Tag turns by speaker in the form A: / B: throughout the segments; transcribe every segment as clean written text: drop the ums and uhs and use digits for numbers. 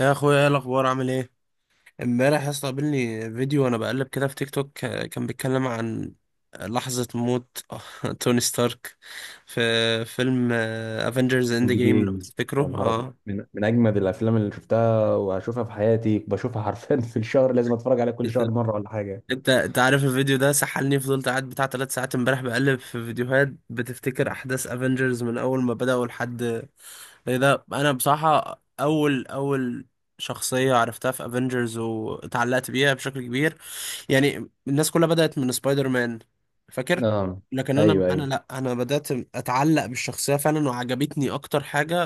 A: يا اخويا، ايه الاخبار؟ عامل ايه؟ امبارح يا اسطى قابلني فيديو وانا بقلب كده في تيك توك، كان بيتكلم عن لحظة موت توني ستارك في فيلم افنجرز اند
B: اند
A: جيم، لو
B: جيمز.
A: تفتكره.
B: يا نهار ابيض،
A: اه.
B: من اجمد الافلام اللي شفتها وهشوفها في حياتي. بشوفها حرفيا في الشهر. لازم اتفرج عليها كل شهر مره ولا حاجه.
A: انت عارف الفيديو ده سحلني، فضلت قاعد بتاع ثلاث ساعات امبارح بقلب في فيديوهات بتفتكر احداث افنجرز من اول ما بدأوا لحد ايه ده. انا بصراحة اول شخصية عرفتها في افنجرز واتعلقت بيها بشكل كبير. يعني الناس كلها بدأت من سبايدر مان، فاكر؟
B: اه.
A: لكن انا
B: ايوه،
A: انا
B: ايوه.
A: لا، انا بدأت اتعلق بالشخصية فعلا، وعجبتني اكتر حاجة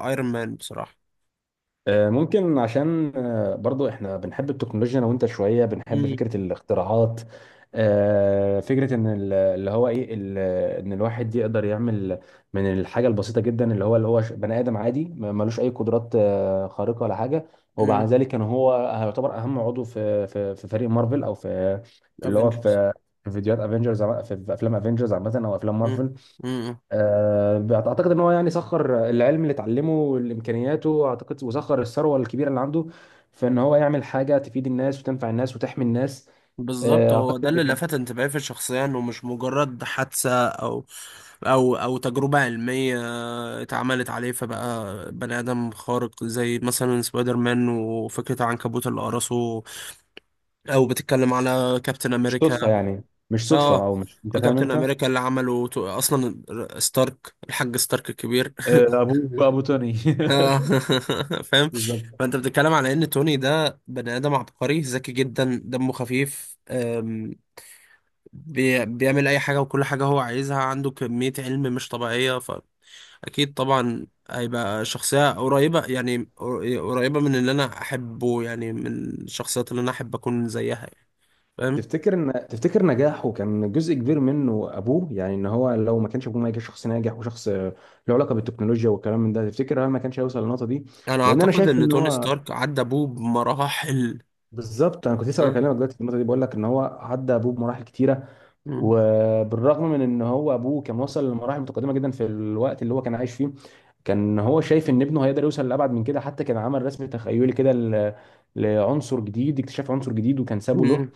A: ايرون مان بصراحة.
B: ممكن عشان برضو احنا بنحب التكنولوجيا انا وانت، شويه بنحب
A: امم.
B: فكره الاختراعات. فكره ان ال- اللي هو ايه ال- ان الواحد يقدر يعمل من الحاجه البسيطه جدا اللي هو، بني ادم عادي، ملوش اي قدرات خارقه ولا حاجه. ومع
A: امم.
B: ذلك كان هو يعتبر اهم عضو في فريق مارفل، او في في اللي هو
A: افنجرز.
B: في في فيديوهات افنجرز، في افلام افنجرز عامه او افلام مارفل. اعتقد ان هو يعني سخر العلم اللي اتعلمه والامكانياته، اعتقد، وسخر الثروه الكبيره اللي عنده في ان هو يعمل حاجه تفيد الناس وتنفع الناس وتحمي الناس.
A: بالظبط، هو
B: اعتقد
A: ده
B: ده
A: اللي
B: كان
A: لفت انتباهي في الشخصية، انه مش مجرد حادثة او، او تجربة علمية اتعملت عليه فبقى بني ادم خارق، زي مثلا سبايدر مان وفكرة عنكبوت اللي قرصه، او بتتكلم على كابتن
B: مش صدفه،
A: امريكا.
B: يعني مش صدفه،
A: اه.
B: او مش... انت فاهم
A: كابتن
B: انت.
A: امريكا اللي عمله اصلا ستارك، الحاج ستارك الكبير.
B: ابوه، ابو توني.
A: اه. فاهم؟
B: بالظبط.
A: فانت بتتكلم على ان توني ده بني ادم عبقري ذكي جدا، دمه خفيف، بيعمل اي حاجة، وكل حاجة هو عايزها، عنده كمية علم مش طبيعية. فاكيد طبعا هيبقى شخصية قريبة، يعني قريبة من اللي انا احبه، يعني من الشخصيات اللي انا احب اكون زيها، يعني. فاهم؟
B: تفتكر نجاحه كان جزء كبير منه ابوه؟ يعني ان هو لو ما كانش ابوه ما كانش شخص ناجح وشخص له علاقه بالتكنولوجيا والكلام من ده، تفتكر هل ما كانش هيوصل للنقطه دي؟
A: انا
B: لان انا
A: اعتقد
B: شايف
A: ان
B: ان
A: توني
B: هو...
A: ستارك عدى ابوه بمراحل.
B: بالظبط، انا كنت لسه
A: أه.
B: بكلمك دلوقتي في النقطه دي، بقول لك ان هو عدى ابوه بمراحل كتيره.
A: مم.
B: وبالرغم من ان هو ابوه كان وصل لمراحل متقدمه جدا في الوقت اللي هو كان عايش فيه، كان هو شايف ان ابنه هيقدر يوصل لابعد من كده. حتى كان عمل رسم تخيلي كده لعنصر جديد، اكتشاف عنصر جديد، وكان سابه له
A: مم.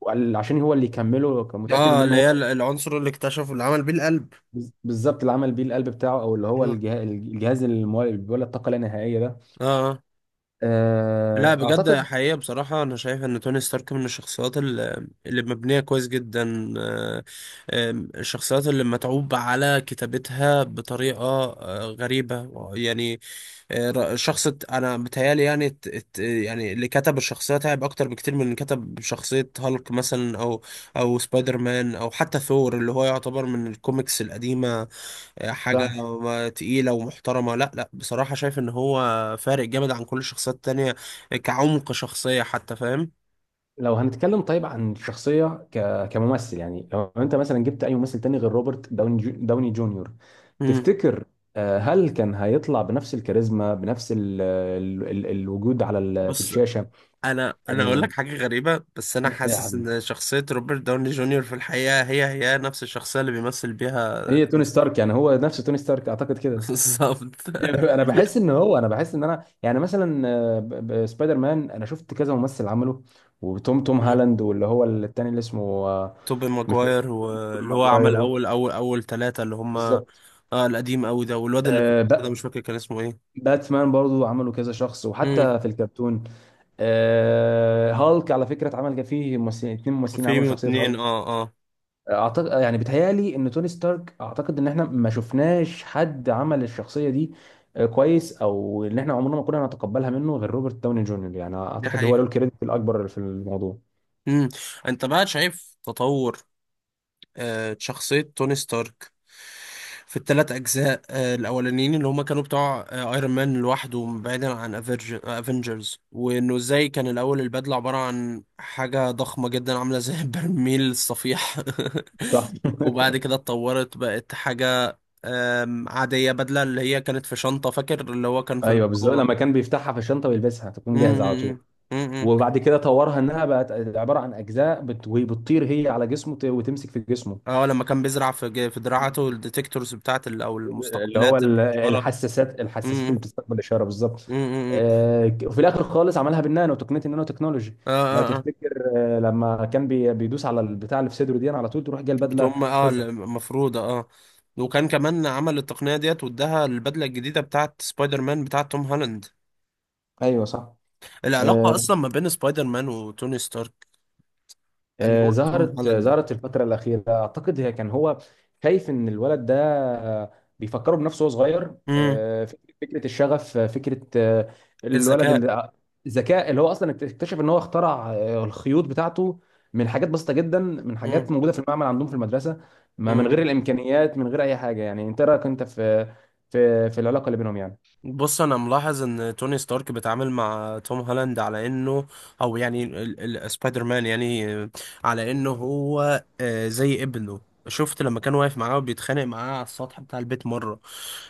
B: وقال عشان هو اللي يكمله. كان متاكد ان
A: اه،
B: ابنه
A: اللي هي
B: هو.
A: العنصر اللي اكتشفه، اللي عمل بيه القلب.
B: بالظبط، اللي عمل بيه القلب بتاعه، او اللي هو الجهاز، اللي بيولد طاقه لا نهائيه ده.
A: اه. آه. لا، بجد
B: اعتقد.
A: حقيقة، بصراحة أنا شايف إن توني ستارك من الشخصيات اللي مبنية كويس جدا، الشخصيات اللي متعوب على كتابتها بطريقة غريبة يعني. أنا بتهيالي يعني، يعني اللي كتب الشخصية تعب أكتر بكتير من اللي كتب شخصية هالك مثلا، أو سبايدر مان، أو حتى ثور اللي هو يعتبر من الكوميكس القديمة. حاجة
B: صح.
A: تقيلة ومحترمة. لا لا، بصراحة شايف ان هو فارق جامد عن كل الشخصيات التانية كعمق شخصية حتى، فاهم؟
B: لو هنتكلم طيب عن الشخصية كممثل، يعني لو انت مثلا جبت اي ممثل تاني غير روبرت داوني داوني جونيور،
A: مم.
B: تفتكر هل كان هيطلع بنفس الكاريزما، بنفس الوجود على في
A: بص،
B: الشاشة؟
A: انا اقول
B: آه،
A: لك حاجة غريبة، بس انا حاسس
B: نعم.
A: ان شخصية روبرت داوني جونيور في الحقيقة هي نفس الشخصية اللي بيمثل بيها
B: هي
A: توني
B: توني
A: ستارك.
B: ستارك، يعني هو نفس توني ستارك اعتقد كده.
A: بالظبط.
B: انا بحس ان انا، يعني مثلا، سبايدر مان انا شفت كذا ممثل عمله. وتوم توم
A: مم.
B: هالاند، واللي هو التاني اللي اسمه... آه،
A: توبي
B: مش...
A: ماجواير
B: توبي
A: واللي هو عمل
B: ماجواير،
A: اول ثلاثة، اللي هما
B: بالظبط.
A: اه القديم قوي ده، والواد اللي في النص ده مش فاكر كان اسمه ايه.
B: باتمان برضو عملوا كذا شخص،
A: مم.
B: وحتى في الكرتون. هالك على فكرة اتعمل، كان فيه ممثلين اتنين، ممثلين عملوا
A: فيلم
B: شخصية
A: اتنين.
B: هالك.
A: اه اه.
B: اعتقد، يعني بتهيالي ان توني ستارك، اعتقد ان احنا ما شفناش حد عمل الشخصية دي كويس، او ان احنا عمرنا ما كنا نتقبلها منه غير روبرت داوني جونيور. يعني
A: دي
B: اعتقد هو له
A: حقيقة.
B: الكريدت الاكبر في الموضوع.
A: مم. انت بقى شايف تطور شخصية توني ستارك في الثلاث اجزاء الاولانيين، اللي هما كانوا بتوع ايرون مان لوحده، بعيدا عن افنجرز، وانه ازاي كان الاول البدلة عبارة عن حاجة ضخمة جدا عاملة زي برميل الصفيح.
B: صح.
A: وبعد كده اتطورت، بقت حاجة عادية، بدلة اللي هي كانت في شنطة، فاكر اللي هو كان في
B: ايوه بالظبط،
A: الكورة.
B: لما كان بيفتحها في الشنطه ويلبسها تكون جاهزه على طول. وبعد كده طورها انها بقت عباره عن اجزاء وبتطير هي على جسمه وتمسك في جسمه.
A: اه، لما كان بيزرع في في دراعاته الديتكتورز بتاعت او
B: اللي هو
A: المستقبلات الاشاره.
B: الحساسات اللي
A: امم.
B: بتستقبل الاشاره، بالظبط.
A: امم.
B: وفي الاخر خالص عملها بالنانو، تقنيه النانو تكنولوجي.
A: اه
B: لو
A: اه. اه،
B: تفتكر، لما كان بيدوس على البتاع اللي في صدره دي، على طول تروح جايه البدله
A: بتقوم اه،
B: تظهر.
A: المفروضه اه. وكان كمان عمل التقنيه ديت، واداها البدله الجديده بتاعت سبايدر مان بتاعت توم هولاند.
B: ايوه صح.
A: العلاقه
B: آه،
A: اصلا ما بين سبايدر مان وتوني ستارك، اللي هو توم
B: ظهرت آه،
A: هولاند.
B: ظهرت الفترة الأخيرة. أعتقد هي كان هو خايف إن الولد ده آه، بيفكره بنفسه وهو صغير،
A: امم.
B: فكرة الشغف، آه، فكرة آه، الولد اللي،
A: الذكاء.
B: الذكاء، اللي هو أصلا اكتشف إن هو اخترع الخيوط بتاعته من حاجات بسيطة جدا، من حاجات موجودة في المعمل عندهم في المدرسة، ما من غير
A: امم.
B: الإمكانيات، من غير أي حاجة. يعني أنت رأيك أنت في في العلاقة اللي بينهم
A: بص، انا ملاحظ ان توني ستارك بيتعامل مع توم هولاند على انه، او يعني سبايدر مان، يعني، على انه هو زي ابنه. شفت لما كان واقف معاه وبيتخانق معاه على السطح بتاع البيت مرة،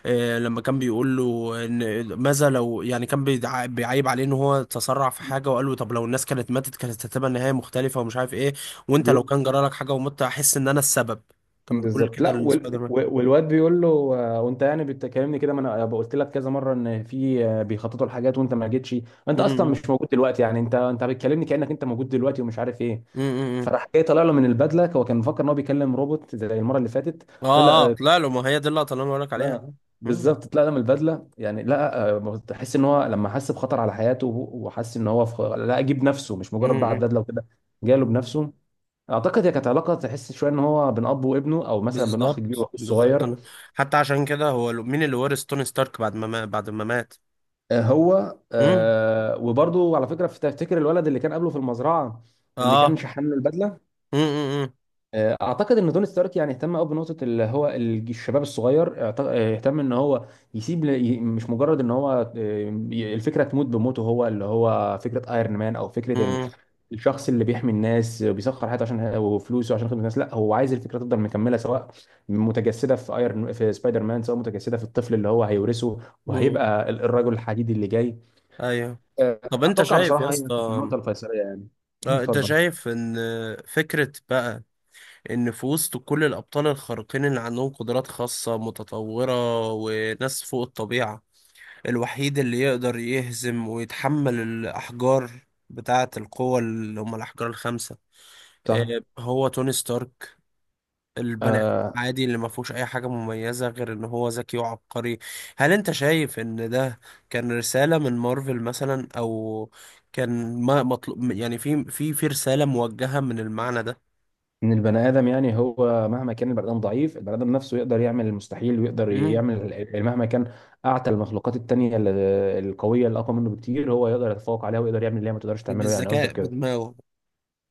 A: لما كان بيقول له ان ماذا لو، يعني كان بيعيب عليه ان هو تسرع في حاجة، وقال له طب لو الناس كانت ماتت كانت هتبقى النهاية مختلفة ومش عارف ايه. وانت لو
B: يعني؟
A: كان جرالك حاجة ومت احس ان انا السبب. كان بيقول
B: بالظبط.
A: كده
B: لا،
A: لسبايدر مان.
B: والواد بيقول له، وانت يعني بتكلمني كده؟ ما انا قلت لك كذا مره ان في بيخططوا الحاجات وانت ما جيتش. انت
A: م-
B: اصلا
A: م-
B: مش موجود دلوقتي، يعني انت بتكلمني كانك انت موجود دلوقتي ومش عارف ايه.
A: م- م- م.
B: فراح جاي طالع له من البدله. هو كان مفكر ان هو بيكلم روبوت زي المره اللي فاتت. طلع
A: اه اه، طلع له، ما هي دي اللقطة اللي انا بقولك عليها.
B: لا،
A: مم.
B: بالظبط، طلع له من البدله. يعني لا، تحس ان هو لما حس بخطر على حياته وحس ان هو لا، جيب نفسه مش مجرد بعد
A: امم.
B: بدله وكده. جاله بنفسه. اعتقد هي كانت علاقه تحس شويه ان هو بين اب وابنه، او مثلا بين اخ كبير
A: بالظبط
B: واخو
A: بالظبط.
B: صغير.
A: انا حتى عشان كده، هو مين اللي ورث توني ستارك بعد ما، بعد ما مات.
B: هو،
A: امم.
B: وبرضه على فكره، تفتكر الولد اللي كان قبله في المزرعه، اللي كان
A: اه.
B: شحن له البدله،
A: امم.
B: اعتقد ان توني ستارك يعني اهتم قوي بنقطه اللي هو الشباب الصغير، اهتم ان هو مش مجرد ان هو، الفكره تموت بموته هو، اللي هو فكره ايرون مان، او فكره
A: امم.
B: الشخص اللي بيحمي الناس وبيسخر حياته عشان وفلوسه عشان خدمه الناس. لا، هو عايز الفكره تفضل مكمله، سواء متجسده في ايرون، في سبايدر مان، سواء متجسده في الطفل اللي هو هيورثه
A: امم.
B: وهيبقى الرجل الحديدي اللي جاي.
A: ايوه. طب انت
B: اتوقع
A: شايف يا
B: بصراحه هي كانت
A: اسطى،
B: النقطه الفيصليه يعني.
A: آه، انت
B: اتفضل.
A: شايف ان فكرة بقى، ان في وسط كل الابطال الخارقين اللي عندهم قدرات خاصة متطورة وناس فوق الطبيعة، الوحيد اللي يقدر يهزم ويتحمل الأحجار بتاعة القوة، اللي هم الأحجار الخمسة،
B: صح.
A: هو توني ستارك، البني آدم
B: آه،
A: عادي اللي ما فيهوش أي حاجة مميزة غير إن هو ذكي وعبقري. هل أنت شايف إن ده كان رسالة من مارفل مثلا، أو كان ما مطلوب يعني، في رسالة موجهة من المعنى ده؟
B: ان البني ادم، يعني هو مهما كان البني ادم ضعيف، البني ادم نفسه يقدر يعمل المستحيل، ويقدر
A: مم.
B: يعمل مهما كان اعتى المخلوقات التانيه القويه اللي اقوى منه بكتير، هو يقدر يتفوق عليها ويقدر يعمل اللي هي ما تقدرش تعمله. يعني
A: بالذكاء
B: قصدك كده؟
A: بدماغه.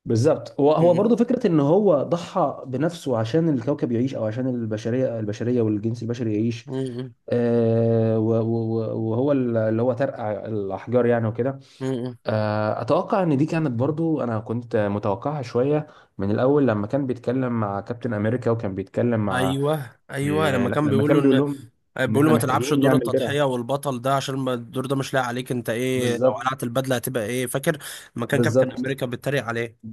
B: بالظبط. هو
A: مم.
B: برضه فكره ان هو ضحى بنفسه عشان الكوكب يعيش، او عشان البشريه، البشريه والجنس البشري يعيش.
A: مم.
B: وهو اللي هو ترقع الاحجار يعني وكده.
A: مم.
B: اتوقع ان دي كانت برضه، انا كنت متوقعها شويه من الاول، لما كان بيتكلم مع كابتن امريكا وكان بيتكلم مع...
A: ايوه ايوه، لما
B: لا،
A: كان
B: لما
A: بيقول له
B: كان بيقول
A: ان،
B: لهم ان
A: بيقولوا
B: احنا
A: ما تلعبش
B: محتاجين
A: دور
B: نعمل درع،
A: التضحية والبطل ده، عشان ما الدور ده مش لاقي عليك، انت ايه لو
B: بالظبط،
A: قلعت البدلة هتبقى ايه، فاكر؟ لما كان كابتن
B: بالظبط.
A: امريكا بيتريق عليه.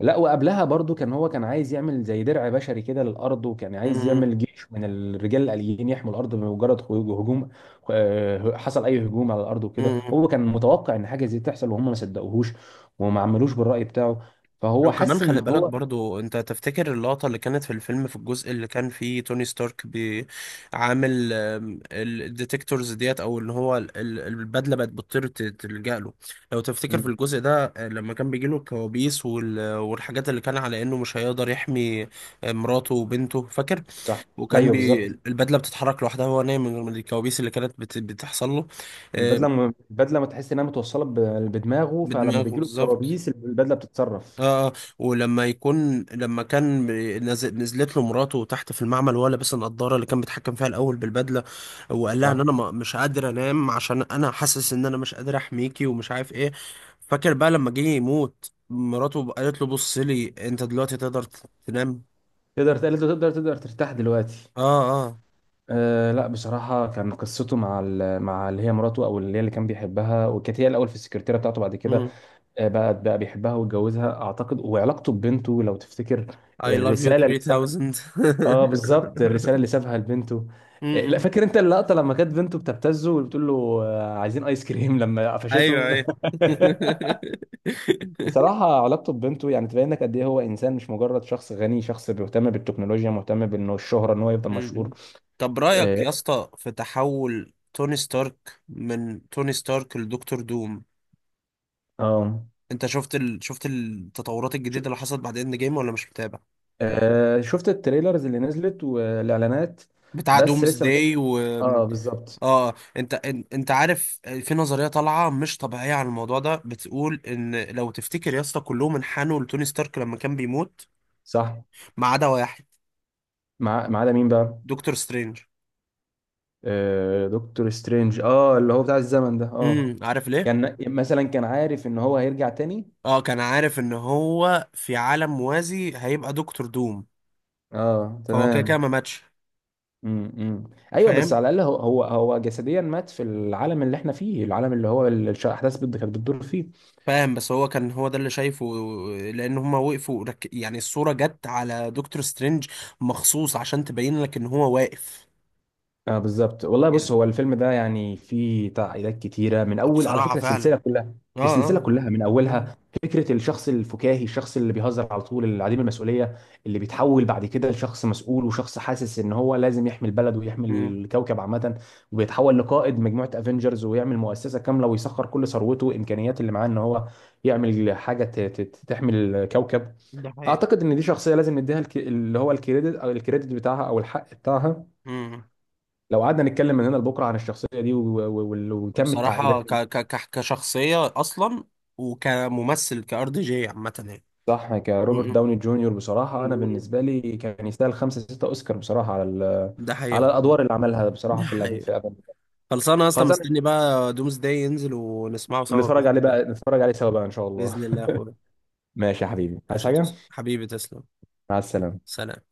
B: لا، وقبلها برضو كان هو كان عايز يعمل زي درع بشري كده للارض، وكان عايز
A: امم.
B: يعمل جيش من الرجال الاليين يحموا الارض بمجرد هجوم، حصل اي هجوم على الارض وكده.
A: امم.
B: هو كان متوقع ان حاجه زي تحصل وهم ما صدقوهوش، وما عملوش بالراي بتاعه. فهو
A: لو كمان
B: حس ان
A: خلي بالك
B: هو...
A: برضو، انت تفتكر اللقطة اللي كانت في الفيلم، في الجزء اللي كان فيه توني ستارك بيعامل الديتكتورز ديت، او ان هو البدلة بقت بتطير تلجأ له؟ لو تفتكر في
B: مم،
A: الجزء ده، لما كان بيجيله الكوابيس والحاجات اللي كان على انه مش هيقدر يحمي مراته وبنته، فاكر؟
B: صح.
A: وكان
B: ايوه
A: بي
B: بالظبط.
A: البدله بتتحرك لوحدها وهو نايم، من الكوابيس اللي كانت بتحصل له. آه،
B: البدله، ما تحس انها متوصله بدماغه، فلما
A: بدماغه
B: بيجيله
A: بالظبط.
B: الكوابيس البدله بتتصرف.
A: اه. آه. ولما يكون، لما كان نزلت له مراته تحت في المعمل وهو لابس النضاره اللي كان بيتحكم فيها الاول بالبدله، وقال لها ان
B: صح.
A: انا، مش قادر انام عشان انا حاسس ان انا مش قادر احميكي ومش عارف ايه. فاكر بقى لما جه يموت مراته قالت له بص لي انت دلوقتي تقدر تنام.
B: تقدر ترتاح دلوقتي.
A: اه. اه.
B: لا بصراحة، كان قصته مع مع اللي هي مراته، أو اللي هي اللي كان بيحبها وكانت هي الأول في السكرتيرة بتاعته. بعد كده
A: مم.
B: بقى بيحبها واتجوزها أعتقد. وعلاقته ببنته، لو تفتكر
A: I love you
B: الرسالة اللي سابها.
A: 3000.
B: اه بالظبط، الرسالة اللي سابها لبنته. لا فاكر أنت اللقطة لما كانت بنته بتبتزه وبتقول له عايزين آيس كريم لما
A: ايوه
B: قفشته.
A: ايوه.
B: بصراحة علاقته ببنته يعني تبين لك قد إيه هو إنسان، مش مجرد شخص غني، شخص بيهتم بالتكنولوجيا، مهتم بإنه الشهرة إن هو يفضل مشهور.
A: م-م. طب رأيك
B: اه.
A: يا اسطى في تحول توني ستارك من توني ستارك لدكتور دوم؟
B: آه.
A: انت شفت التطورات الجديدة اللي حصلت بعد اند جيم، ولا مش متابع؟
B: شفت التريلرز اللي نزلت والاعلانات،
A: بتاع
B: بس
A: دومز
B: لسه ما شفت-.
A: داي و...
B: اه بالظبط.
A: اه. انت عارف في نظرية طالعة مش طبيعية عن الموضوع ده، بتقول ان لو تفتكر يا اسطى كلهم انحنوا لتوني ستارك لما كان بيموت،
B: صح.
A: ما عدا واحد.
B: مع، ما عدا مين بقى؟
A: دكتور سترينج.
B: دكتور سترينج. اه، اللي هو بتاع الزمن ده، اه.
A: امم، عارف ليه؟
B: كان مثلا كان عارف ان هو هيرجع تاني.
A: اه، كان عارف ان هو في عالم موازي هيبقى دكتور دوم،
B: اه
A: فهو كده كده
B: تمام.
A: ما ماتش.
B: امم. ايوه، بس
A: فاهم،
B: على الاقل هو هو جسديا مات في العالم اللي احنا فيه، العالم اللي هو الاحداث كانت بتدور فيه.
A: فاهم، بس هو كان هو ده اللي شايفه، لان هما وقفوا يعني الصورة جت على دكتور سترينج مخصوص عشان تبين لك ان هو واقف،
B: اه بالظبط والله.
A: يعني.
B: بص هو الفيلم ده يعني فيه تعقيدات كتيره من اول، على
A: بصراحة
B: فكره
A: فعلا.
B: السلسله كلها،
A: اه
B: السلسله
A: اه.
B: كلها من
A: مم.
B: اولها. فكره الشخص الفكاهي، الشخص اللي بيهزر على طول، اللي عديم المسؤوليه، اللي بيتحول بعد كده لشخص مسؤول وشخص حاسس ان هو لازم يحمي البلد ويحمي
A: مم.
B: الكوكب عامه، وبيتحول لقائد مجموعه افنجرز ويعمل مؤسسه كامله ويسخر كل ثروته وامكانياته اللي معاه ان هو يعمل حاجه تحمي الكوكب.
A: ده حقيقي.
B: اعتقد ان دي شخصيه لازم نديها اللي هو الكريدت، او الكريدت بتاعها، او الحق بتاعها.
A: مم.
B: لو قعدنا نتكلم من هنا لبكره عن الشخصيه دي وكم التعقيدات
A: بصراحة
B: اللي...
A: كشخصية اصلا وكممثل، كار دي جي عامة يعني.
B: صح. كروبرت
A: مم.
B: داوني جونيور بصراحه انا
A: مم.
B: بالنسبه لي كان يستاهل خمسه سته اوسكار، بصراحه على
A: ده
B: على
A: حقيقة.
B: الادوار اللي عملها بصراحه
A: ده حقيقة.
B: في افنجرز.
A: خلصانه اصلا.
B: خلاص.
A: مستني بقى دومز داي ينزل ونسمعه سوا
B: نتفرج
A: باذن
B: عليه
A: الله.
B: بقى، نتفرج عليه سوا بقى ان شاء الله.
A: باذن الله يا اخويا.
B: ماشي يا حبيبي، عايز
A: عشان
B: حاجه؟
A: توصل حبيبي، تسلم.
B: مع السلامه.
A: سلام.